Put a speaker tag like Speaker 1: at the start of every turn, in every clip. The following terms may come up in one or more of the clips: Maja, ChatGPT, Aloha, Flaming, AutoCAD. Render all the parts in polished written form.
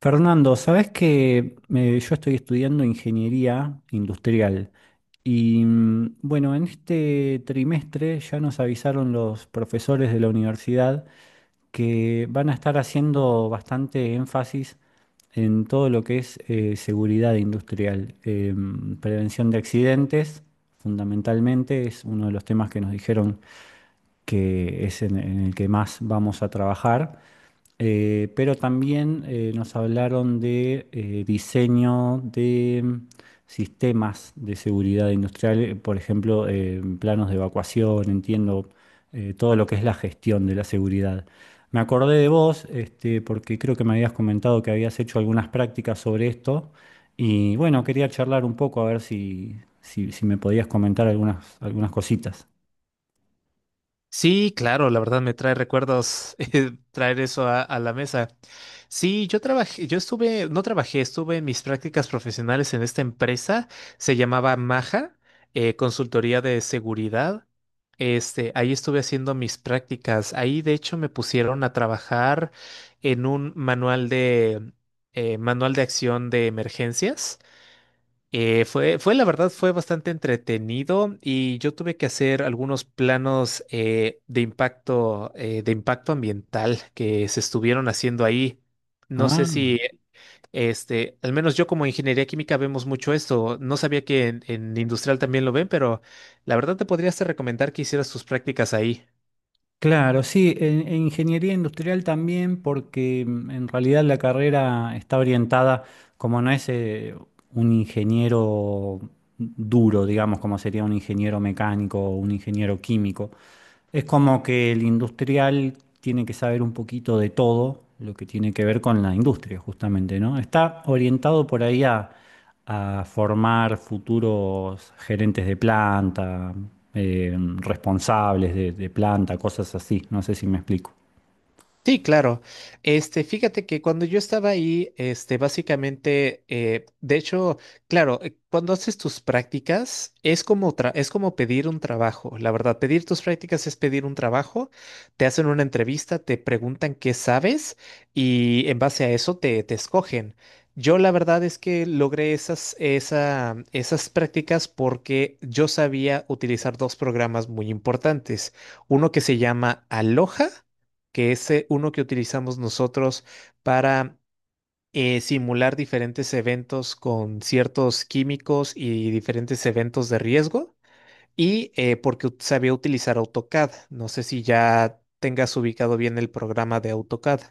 Speaker 1: Fernando, sabes que yo estoy estudiando ingeniería industrial y bueno, en este trimestre ya nos avisaron los profesores de la universidad que van a estar haciendo bastante énfasis en todo lo que es seguridad industrial, prevención de accidentes, fundamentalmente es uno de los temas que nos dijeron que es en el que más vamos a trabajar. Pero también nos hablaron de diseño de sistemas de seguridad industrial, por ejemplo, planos de evacuación, entiendo, todo lo que es la gestión de la seguridad. Me acordé de vos, este, porque creo que me habías comentado que habías hecho algunas prácticas sobre esto y bueno, quería charlar un poco a ver si me podías comentar algunas cositas.
Speaker 2: Sí, claro, la verdad me trae recuerdos traer eso a la mesa. Sí, yo trabajé, yo estuve, no trabajé, estuve en mis prácticas profesionales en esta empresa, se llamaba Maja, consultoría de seguridad. Este, ahí estuve haciendo mis prácticas. Ahí, de hecho, me pusieron a trabajar en un manual de acción de emergencias. La verdad, fue bastante entretenido y yo tuve que hacer algunos planos de impacto ambiental que se estuvieron haciendo ahí. No
Speaker 1: Ah.
Speaker 2: sé si, este, al menos yo como ingeniería química vemos mucho esto. No sabía que en industrial también lo ven, pero la verdad te podrías recomendar que hicieras tus prácticas ahí.
Speaker 1: Claro, sí, en ingeniería industrial también, porque en realidad la carrera está orientada, como no es un ingeniero duro, digamos, como sería un ingeniero mecánico o un ingeniero químico, es como que el industrial tiene que saber un poquito de todo lo que tiene que ver con la industria, justamente, ¿no? Está orientado por ahí a formar futuros gerentes de planta, responsables de planta, cosas así. No sé si me explico.
Speaker 2: Sí, claro. Este, fíjate que cuando yo estaba ahí, este, básicamente, de hecho, claro, cuando haces tus prácticas es como es como pedir un trabajo. La verdad, pedir tus prácticas es pedir un trabajo. Te hacen una entrevista, te preguntan qué sabes y en base a eso te escogen. Yo la verdad es que logré esas prácticas porque yo sabía utilizar dos programas muy importantes. Uno que se llama Aloha que es uno que utilizamos nosotros para simular diferentes eventos con ciertos químicos y diferentes eventos de riesgo, y sabía utilizar AutoCAD. No sé si ya tengas ubicado bien el programa de AutoCAD.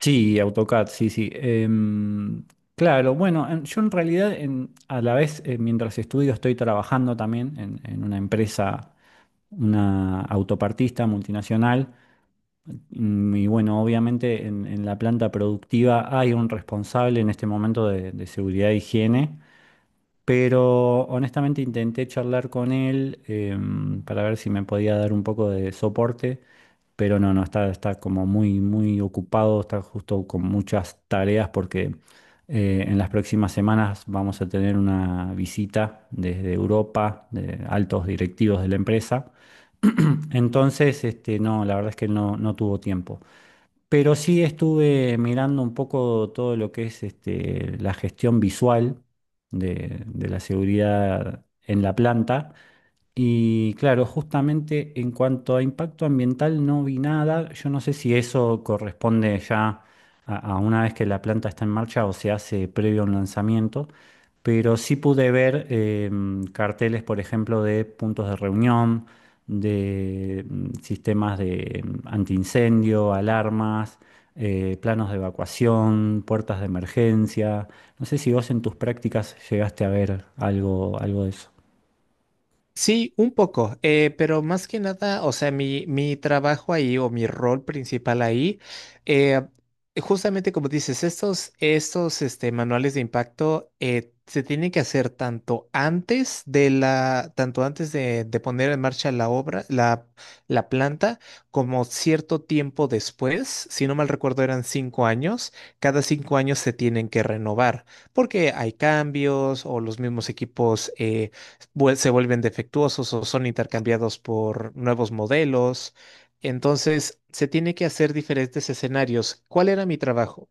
Speaker 1: Sí, AutoCAD, sí, sí. Claro, bueno, yo en realidad a la vez, mientras estudio, estoy trabajando también en una empresa, una autopartista multinacional. Y bueno, obviamente en la planta productiva hay un responsable en este momento de seguridad e higiene, pero honestamente intenté charlar con él para ver si me podía dar un poco de soporte, pero no, no, está, está como muy, muy ocupado, está justo con muchas tareas porque en las próximas semanas vamos a tener una visita desde Europa de altos directivos de la empresa. Entonces, este, no, la verdad es que no, no tuvo tiempo. Pero sí estuve mirando un poco todo lo que es este, la gestión visual de la seguridad en la planta. Y claro, justamente en cuanto a impacto ambiental no vi nada. Yo no sé si eso corresponde ya a una vez que la planta está en marcha o se hace previo a un lanzamiento, pero sí pude ver carteles, por ejemplo, de puntos de reunión, de sistemas de antiincendio, alarmas, planos de evacuación, puertas de emergencia. No sé si vos en tus prácticas llegaste a ver algo, algo de eso.
Speaker 2: Sí, un poco, pero más que nada, o sea, mi trabajo ahí o mi rol principal ahí, eh, justamente como dices, estos este, manuales de impacto se tienen que hacer tanto antes de poner en marcha la obra, la planta, como cierto tiempo después, si no mal recuerdo eran 5 años, cada cinco años se tienen que renovar, porque hay cambios o los mismos equipos. Se vuelven defectuosos o son intercambiados por nuevos modelos. Entonces, se tiene que hacer diferentes escenarios. ¿Cuál era mi trabajo?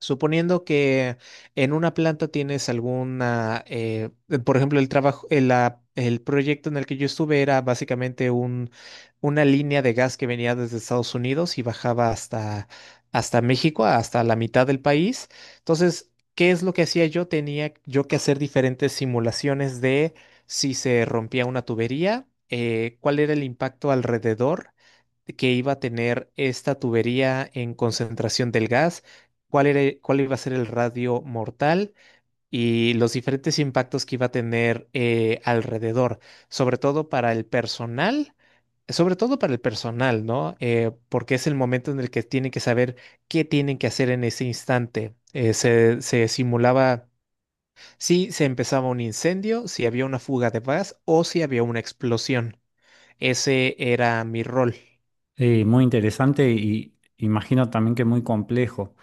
Speaker 2: Suponiendo que en una planta tienes alguna, por ejemplo, el proyecto en el que yo estuve era básicamente una línea de gas que venía desde Estados Unidos y bajaba hasta México, hasta la mitad del país. Entonces, ¿qué es lo que hacía yo? Tenía yo que hacer diferentes simulaciones de si se rompía una tubería, cuál era el impacto alrededor que iba a tener esta tubería en concentración del gas, cuál iba a ser el radio mortal y los diferentes impactos que iba a tener alrededor, sobre todo para el personal, sobre todo para el personal, ¿no? Porque es el momento en el que tienen que saber qué tienen que hacer en ese instante. Se simulaba si se empezaba un incendio, si había una fuga de gas o si había una explosión. Ese era mi rol.
Speaker 1: Sí, muy interesante y imagino también que muy complejo.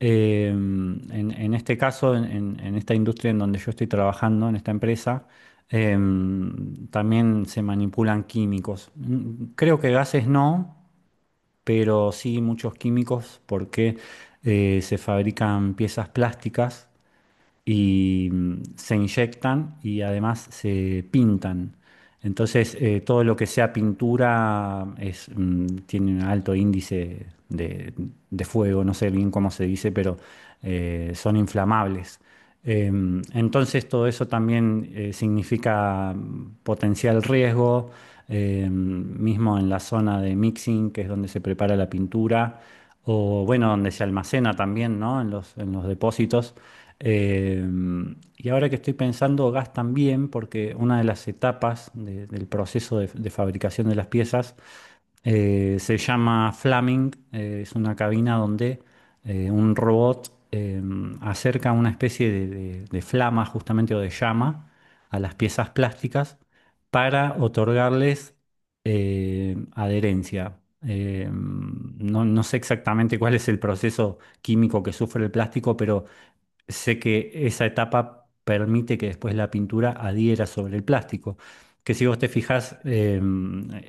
Speaker 1: Eh, en, en este caso, en, en esta industria en donde yo estoy trabajando, en esta empresa, eh, también se manipulan químicos. Creo que gases no, pero sí muchos químicos porque se fabrican piezas plásticas y se inyectan y además se pintan. Entonces, todo lo que sea pintura es, tiene un alto índice de fuego, no sé bien cómo se dice, pero son inflamables. Entonces, todo eso también significa potencial riesgo, mismo en la zona de mixing, que es donde se prepara la pintura, o bueno, donde se almacena también, ¿no? En los depósitos. Eh, y ahora que estoy pensando, gas también, porque una de las etapas del proceso de fabricación de las piezas se llama Flaming, es una cabina donde un robot acerca una especie de, de flama justamente o de llama a las piezas plásticas para otorgarles adherencia. No, no sé exactamente cuál es el proceso químico que sufre el plástico, pero sé que esa etapa permite que después la pintura adhiera sobre el plástico, que si vos te fijas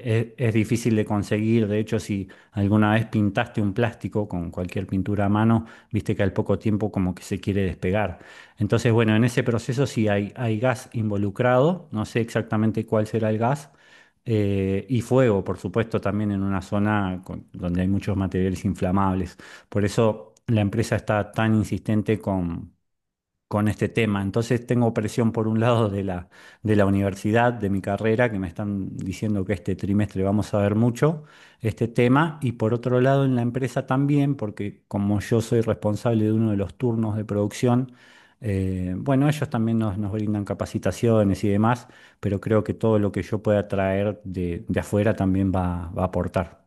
Speaker 1: es difícil de conseguir. De hecho, si alguna vez pintaste un plástico con cualquier pintura a mano, viste que al poco tiempo como que se quiere despegar. Entonces, bueno, en ese proceso sí hay gas involucrado, no sé exactamente cuál será el gas, y fuego, por supuesto, también en una zona donde hay muchos materiales inflamables. Por eso la empresa está tan insistente con este tema. Entonces tengo presión por un lado de la universidad, de mi carrera, que me están diciendo que este trimestre vamos a ver mucho este tema, y por otro lado en la empresa también, porque como yo soy responsable de uno de los turnos de producción, bueno, ellos también nos, nos brindan capacitaciones y demás, pero creo que todo lo que yo pueda traer de afuera también va, va a aportar.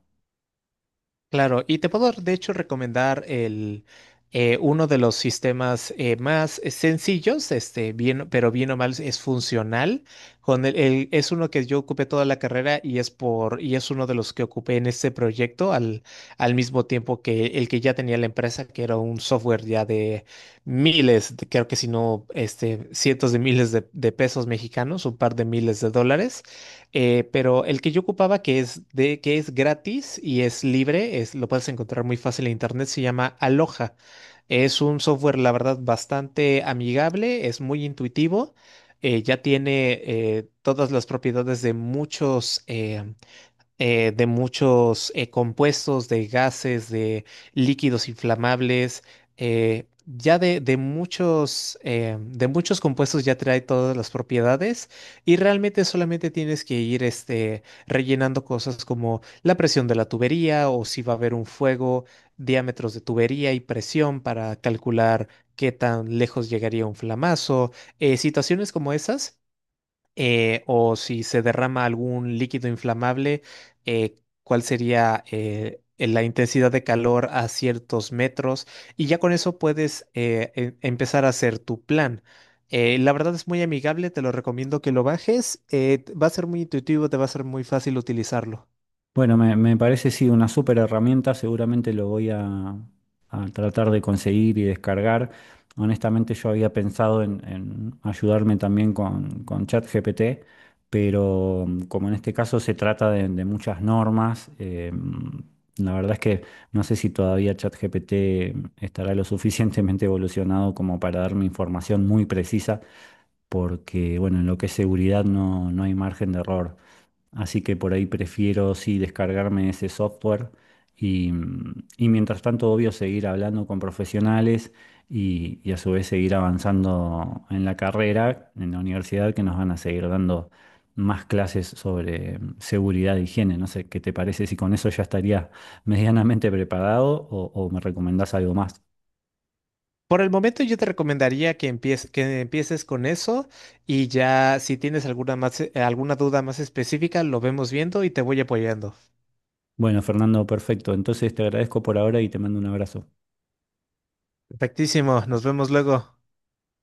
Speaker 2: Claro, y te puedo de hecho recomendar uno de los sistemas más sencillos, este, bien, pero bien o mal es funcional. Con es uno que yo ocupé toda la carrera y es por, y es uno de los que ocupé en este proyecto al mismo tiempo que el que ya tenía la empresa, que era un software ya de miles, creo que si no, este, cientos de miles de pesos mexicanos, un par de miles de dólares, pero el que yo ocupaba, que es de, que es gratis y es libre, es, lo puedes encontrar muy fácil en internet, se llama Aloha. Es un software, la verdad, bastante amigable, es muy intuitivo, ya tiene todas las propiedades de muchos compuestos, de gases, de líquidos inflamables, eh, de muchos compuestos ya trae todas las propiedades y realmente solamente tienes que ir este, rellenando cosas como la presión de la tubería o si va a haber un fuego, diámetros de tubería y presión para calcular qué tan lejos llegaría un flamazo, situaciones como esas, o si se derrama algún líquido inflamable, eh, cuál sería la intensidad de calor a ciertos metros, y ya con eso puedes empezar a hacer tu plan. La verdad es muy amigable, te lo recomiendo que lo bajes, va a ser muy intuitivo, te va a ser muy fácil utilizarlo.
Speaker 1: Bueno, me parece sí una súper herramienta, seguramente lo voy a tratar de conseguir y descargar. Honestamente yo había pensado en ayudarme también con ChatGPT, pero como en este caso se trata de muchas normas, la verdad es que no sé si todavía ChatGPT estará lo suficientemente evolucionado como para darme información muy precisa porque, bueno, en lo que es seguridad no, no hay margen de error. Así que por ahí prefiero, sí, descargarme ese software y, y mientras tanto, obvio, seguir hablando con profesionales y a su vez seguir avanzando en la carrera, en la universidad, que nos van a seguir dando más clases sobre seguridad e higiene. No sé, ¿qué te parece si con eso ya estaría medianamente preparado o me recomendás algo más?
Speaker 2: Por el momento yo te recomendaría que empieces con eso y ya si tienes alguna más, alguna duda más específica, lo vemos viendo y te voy apoyando.
Speaker 1: Bueno, Fernando, perfecto. Entonces te agradezco por ahora y te mando un abrazo.
Speaker 2: Perfectísimo, nos vemos luego.